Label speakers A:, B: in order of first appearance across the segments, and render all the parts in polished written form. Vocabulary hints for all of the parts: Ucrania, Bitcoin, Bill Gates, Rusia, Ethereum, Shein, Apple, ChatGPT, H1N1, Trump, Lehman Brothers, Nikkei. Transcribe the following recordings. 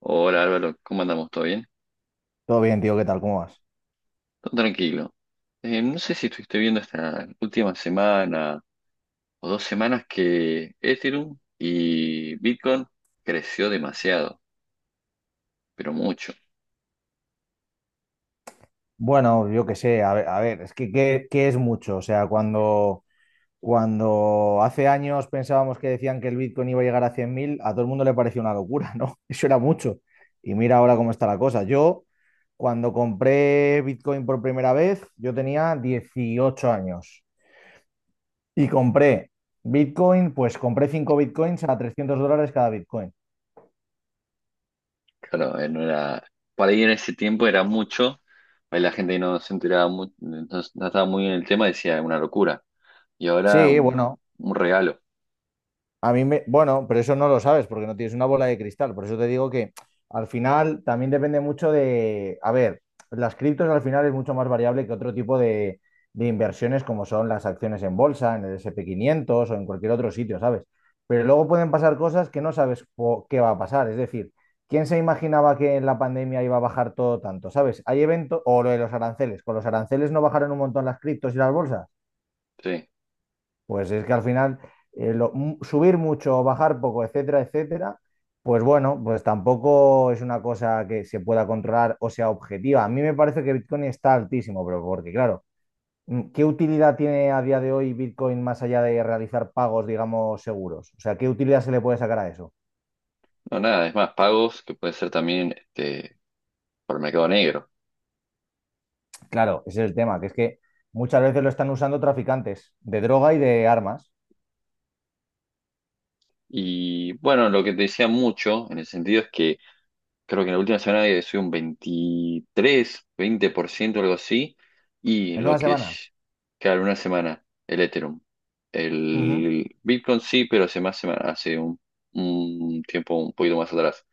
A: Hola Álvaro, ¿cómo andamos? ¿Todo bien?
B: Todo bien, tío, ¿qué tal? ¿Cómo vas?
A: Todo tranquilo. No sé si estuviste viendo esta última semana o dos semanas que Ethereum y Bitcoin creció demasiado, pero mucho.
B: Bueno, yo qué sé, a ver, es que ¿qué es mucho? O sea, cuando hace años pensábamos que decían que el Bitcoin iba a llegar a 100.000, a todo el mundo le pareció una locura, ¿no? Eso era mucho. Y mira ahora cómo está la cosa. Yo, cuando compré Bitcoin por primera vez, yo tenía 18 años y compré Bitcoin, pues compré 5 Bitcoins a $300 cada Bitcoin.
A: Claro, no era, para ir en ese tiempo era mucho, ahí la gente no se enteraba, no, no estaba muy en el tema, decía una locura. Y ahora
B: Sí,
A: un,
B: bueno.
A: un regalo,
B: Bueno, pero eso no lo sabes porque no tienes una bola de cristal. Por eso te digo que al final también depende mucho de, a ver, las criptos al final es mucho más variable que otro tipo de inversiones como son las acciones en bolsa, en el S&P 500 o en cualquier otro sitio, ¿sabes? Pero luego pueden pasar cosas que no sabes qué va a pasar. Es decir, ¿quién se imaginaba que en la pandemia iba a bajar todo tanto? ¿Sabes? Hay eventos, o lo de los aranceles. Con los aranceles no bajaron un montón las criptos y las bolsas.
A: sí.
B: Pues es que al final subir mucho o bajar poco, etcétera, etcétera, pues bueno, pues tampoco es una cosa que se pueda controlar o sea objetiva. A mí me parece que Bitcoin está altísimo, pero porque claro, ¿qué utilidad tiene a día de hoy Bitcoin más allá de realizar pagos, digamos, seguros? O sea, ¿qué utilidad se le puede sacar a eso?
A: No, nada, es más, pagos que puede ser también este, por mercado negro.
B: Claro, ese es el tema, que es que muchas veces lo están usando traficantes de droga y de armas
A: Y bueno, lo que te decía mucho en el sentido es que creo que en la última semana he subido un 23 20% algo así, y
B: en
A: lo
B: una
A: que
B: semana.
A: es, claro, una semana, el Ethereum.
B: Ujú,
A: El Bitcoin sí, pero hace más semana, hace un tiempo un poquito más atrás.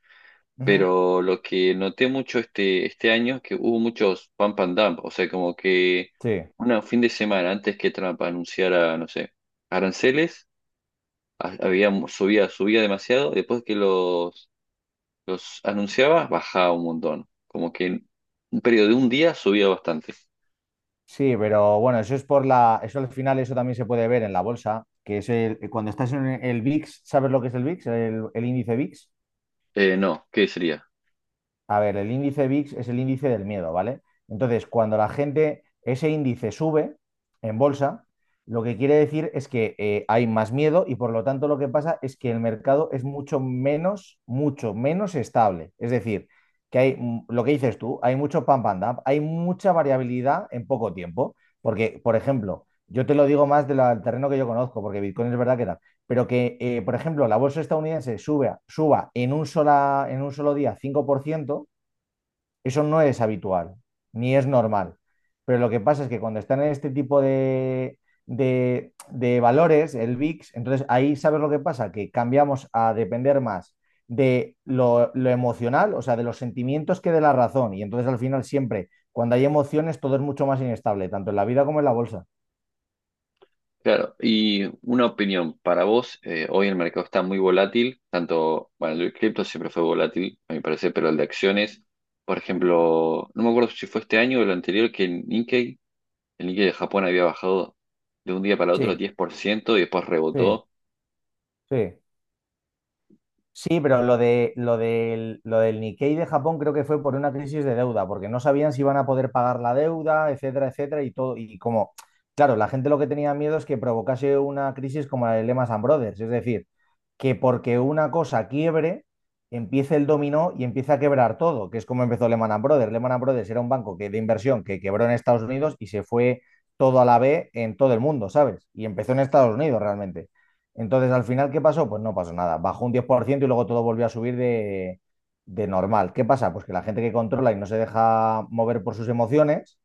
B: ujú.
A: Pero lo que noté mucho este año es que hubo muchos pump and dump, o sea, como que
B: Sí.
A: un fin de semana antes que Trump anunciara, no sé, aranceles, había subía demasiado, después que los anunciaba, bajaba un montón. Como que en un periodo de un día subía bastante.
B: Sí, pero bueno, eso es por la, eso al final eso también se puede ver en la bolsa, que es el, cuando estás en el VIX, ¿sabes lo que es el VIX? El índice VIX.
A: No, ¿qué sería?
B: A ver, el índice VIX es el índice del miedo, ¿vale? Entonces, cuando la gente, ese índice sube en bolsa, lo que quiere decir es que hay más miedo y por lo tanto lo que pasa es que el mercado es mucho menos estable. Es decir, que hay lo que dices tú, hay mucho pump and dump, hay mucha variabilidad en poco tiempo. Porque, por ejemplo, yo te lo digo más del terreno que yo conozco, porque Bitcoin es verdad que pero que, por ejemplo, la bolsa estadounidense suba en un solo día 5%, eso no es habitual, ni es normal. Pero lo que pasa es que cuando están en este tipo de, de valores, el VIX, entonces ahí sabes lo que pasa, que cambiamos a depender más de lo emocional, o sea, de los sentimientos que de la razón. Y entonces al final siempre, cuando hay emociones, todo es mucho más inestable, tanto en la vida como en la bolsa.
A: Claro, y una opinión para vos, hoy el mercado está muy volátil, tanto, bueno, el de cripto siempre fue volátil, a mi parecer, pero el de acciones, por ejemplo, no me acuerdo si fue este año o el anterior, que el Nikkei de Japón había bajado de un día para otro
B: Sí,
A: 10% y después
B: sí,
A: rebotó.
B: sí. Sí, pero lo del Nikkei de Japón creo que fue por una crisis de deuda, porque no sabían si iban a poder pagar la deuda, etcétera, etcétera, y todo. Y como, claro, la gente lo que tenía miedo es que provocase una crisis como la de Lehman Brothers, es decir, que porque una cosa quiebre, empiece el dominó y empiece a quebrar todo, que es como empezó Lehman Brothers. Lehman Brothers era un banco que, de inversión que quebró en Estados Unidos y se fue todo a la B en todo el mundo, ¿sabes? Y empezó en Estados Unidos realmente. Entonces, al final, ¿qué pasó? Pues no pasó nada. Bajó un 10% y luego todo volvió a subir de normal. ¿Qué pasa? Pues que la gente que controla y no se deja mover por sus emociones,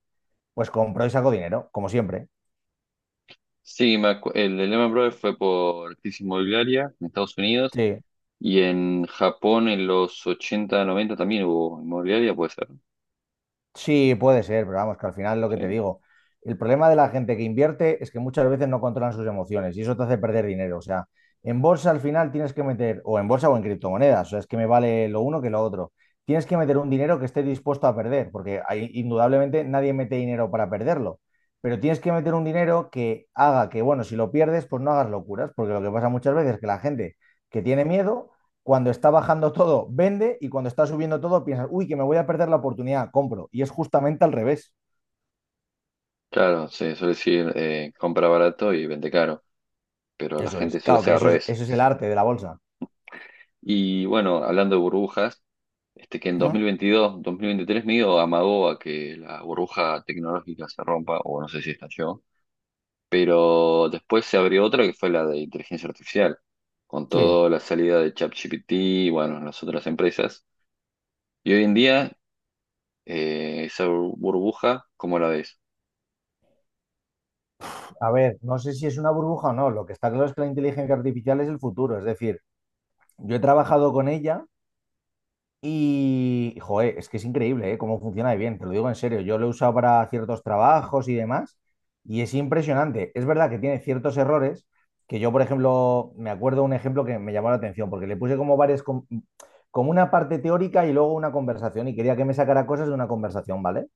B: pues compró y sacó dinero, como siempre.
A: Sí, el de Lehman Brothers fue por crisis inmobiliaria en Estados Unidos.
B: Sí.
A: Y en Japón en los 80 90 también hubo inmobiliaria, puede ser.
B: Sí, puede ser, pero vamos, que al final lo que te
A: Sí.
B: digo, el problema de la gente que invierte es que muchas veces no controlan sus emociones y eso te hace perder dinero. O sea, en bolsa al final tienes que meter, o en bolsa o en criptomonedas, o sea, es que me vale lo uno que lo otro. Tienes que meter un dinero que esté dispuesto a perder, porque ahí, indudablemente nadie mete dinero para perderlo, pero tienes que meter un dinero que haga que, bueno, si lo pierdes, pues no hagas locuras, porque lo que pasa muchas veces es que la gente que tiene miedo cuando está bajando todo, vende y cuando está subiendo todo, piensas, uy, que me voy a perder la oportunidad, compro. Y es justamente al revés.
A: Claro, se suele decir compra barato y vende caro, pero la
B: Eso es.
A: gente suele
B: Claro
A: hacer
B: que
A: al revés.
B: eso es el arte de la bolsa.
A: Y bueno, hablando de burbujas, este que en dos
B: ¿Mm?
A: mil veintidós 2023 medio amagó a que la burbuja tecnológica se rompa, o no sé si estalló, pero después se abrió otra que fue la de inteligencia artificial, con
B: Sí.
A: toda la salida de ChatGPT, y bueno, las otras empresas. Y hoy en día, esa burbuja, ¿cómo la ves?
B: A ver, no sé si es una burbuja o no. Lo que está claro es que la inteligencia artificial es el futuro. Es decir, yo he trabajado con ella. Y, joder, es que es increíble, ¿eh? Cómo funciona de bien, te lo digo en serio. Yo lo he usado para ciertos trabajos y demás, y es impresionante. Es verdad que tiene ciertos errores, que yo, por ejemplo, me acuerdo un ejemplo que me llamó la atención, porque le puse como varias, como una parte teórica y luego una conversación, y quería que me sacara cosas de una conversación, ¿vale?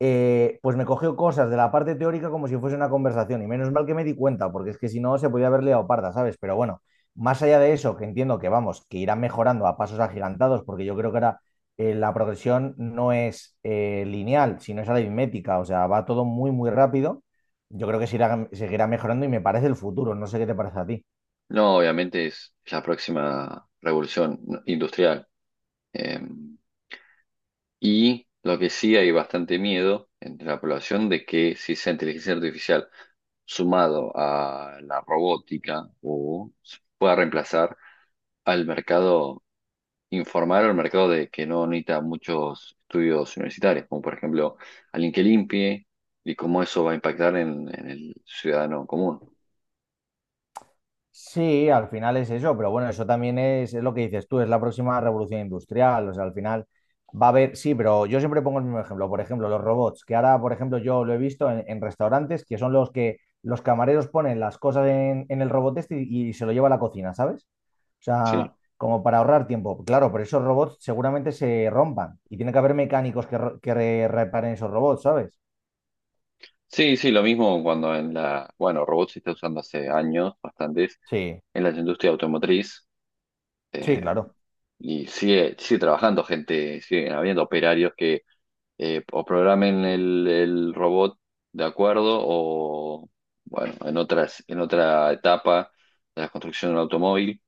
B: pues me cogió cosas de la parte teórica como si fuese una conversación. Y menos mal que me di cuenta, porque es que si no se podía haber liado parda, ¿sabes? Pero bueno, más allá de eso, que entiendo que vamos, que irán mejorando a pasos agigantados, porque yo creo que ahora la progresión no es lineal, sino es aritmética, o sea, va todo muy, muy rápido. Yo creo que seguirá mejorando y me parece el futuro. No sé qué te parece a ti.
A: No, obviamente es la próxima revolución industrial. Eh, y lo que sí hay bastante miedo entre la población de que si esa inteligencia artificial sumado a la robótica o se pueda reemplazar al mercado informal o al mercado de que no necesita muchos estudios universitarios, como por ejemplo alguien que limpie y cómo eso va a impactar en el ciudadano común.
B: Sí, al final es eso, pero bueno, eso también es lo que dices tú, es la próxima revolución industrial, o sea, al final va a haber, sí, pero yo siempre pongo el mismo ejemplo, por ejemplo, los robots, que ahora, por ejemplo, yo lo he visto en restaurantes, que son los que los camareros ponen las cosas en el robot este y se lo lleva a la cocina, ¿sabes? O sea,
A: Sí.
B: como para ahorrar tiempo, claro, pero esos robots seguramente se rompan y tiene que haber mecánicos que reparen esos robots, ¿sabes?
A: Sí, sí, lo mismo cuando bueno, robots se está usando hace años, bastantes,
B: Sí,
A: en la industria automotriz,
B: sí,
A: eh,
B: claro.
A: y sigue, sigue trabajando gente, sigue habiendo operarios que o programen el robot de acuerdo, o bueno, en otras, en otra etapa de la construcción de un automóvil,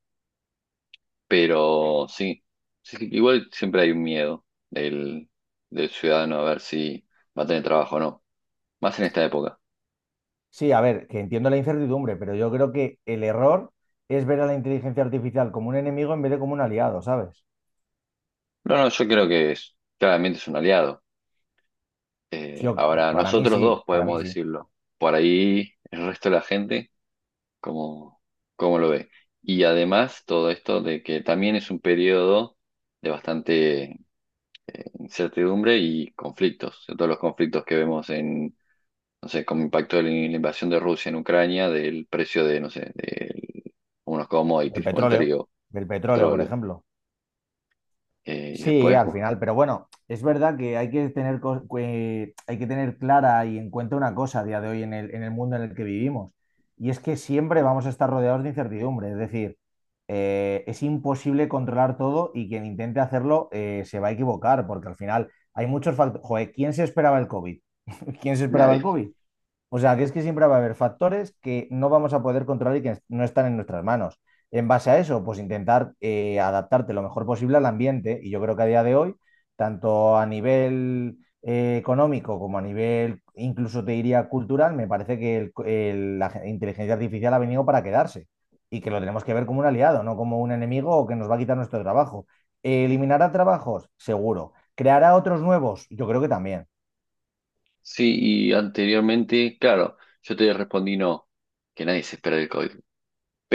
A: pero sí, sí, sí, igual siempre hay un miedo del, del ciudadano a ver si va a tener trabajo o no, más en esta época.
B: Sí, a ver, que entiendo la incertidumbre, pero yo creo que el error es ver a la inteligencia artificial como un enemigo en vez de como un aliado, ¿sabes?
A: No, no, yo creo que es, claramente es un aliado. Eh,
B: Yo,
A: ahora,
B: para mí
A: nosotros
B: sí,
A: dos
B: para mí
A: podemos
B: sí.
A: decirlo. Por ahí el resto de la gente, ¿cómo, cómo lo ve? Y además todo esto de que también es un periodo de bastante incertidumbre y conflictos. De todos los conflictos que vemos en, no sé, como impacto de la invasión de Rusia en Ucrania, del precio de, no sé, de unos
B: El
A: commodities como el
B: petróleo,
A: trigo,
B: del petróleo, por
A: petróleo.
B: ejemplo.
A: Y
B: Sí,
A: después,
B: al
A: pues,
B: final, pero bueno, es verdad que hay que tener, que hay que tener clara y en cuenta una cosa a día de hoy en el mundo en el que vivimos, y es que siempre vamos a estar rodeados de incertidumbre, es decir, es imposible controlar todo y quien intente hacerlo, se va a equivocar, porque al final hay muchos factores. Joder, ¿quién se esperaba el COVID? ¿Quién se esperaba el
A: nada.
B: COVID? O sea, que es que siempre va a haber factores que no vamos a poder controlar y que no están en nuestras manos. En base a eso, pues intentar adaptarte lo mejor posible al ambiente. Y yo creo que a día de hoy, tanto a nivel económico como a nivel, incluso te diría cultural, me parece que la inteligencia artificial ha venido para quedarse y que lo tenemos que ver como un aliado, no como un enemigo o que nos va a quitar nuestro trabajo. ¿Eliminará trabajos? Seguro. ¿Creará otros nuevos? Yo creo que también.
A: Sí, y anteriormente, claro, yo te respondí no, que nadie se espera del COVID.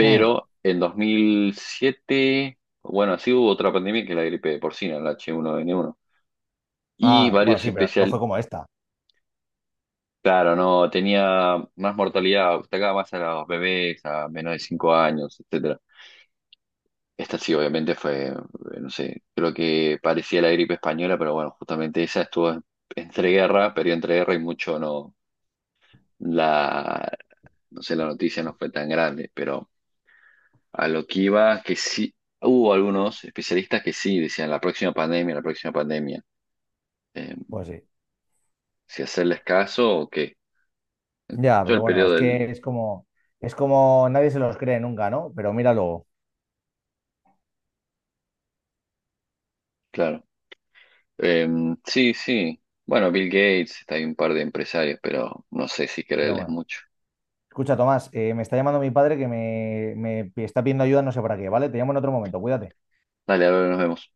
B: Hmm.
A: en 2007, bueno, sí hubo otra pandemia que la gripe porcina, el H1N1. Y
B: Ah, bueno,
A: varios
B: sí, pero no fue
A: especial,
B: como esta.
A: claro, no, tenía más mortalidad, atacaba más a los bebés, a menos de 5 años, etcétera. Esta sí, obviamente fue, no sé, creo que parecía la gripe española, pero bueno, justamente esa estuvo entre guerra, pero entre guerra y mucho no. la, no sé, la noticia no fue tan grande, pero a lo que iba, que sí, hubo algunos especialistas que sí decían la próxima pandemia, la próxima pandemia. Eh,
B: Pues sí.
A: si hacerles caso o qué.
B: Ya,
A: Todo
B: pero
A: el
B: bueno,
A: periodo
B: es que
A: del,
B: es como nadie se los cree nunca, ¿no? Pero mira luego.
A: claro. Eh, sí, sí. Bueno, Bill Gates, está hay un par de empresarios, pero no sé si
B: Pero
A: creerles
B: bueno.
A: mucho.
B: Escucha, Tomás, me está llamando mi padre que me está pidiendo ayuda, no sé para qué, ¿vale? Te llamo en otro momento, cuídate.
A: Dale, ahora nos vemos.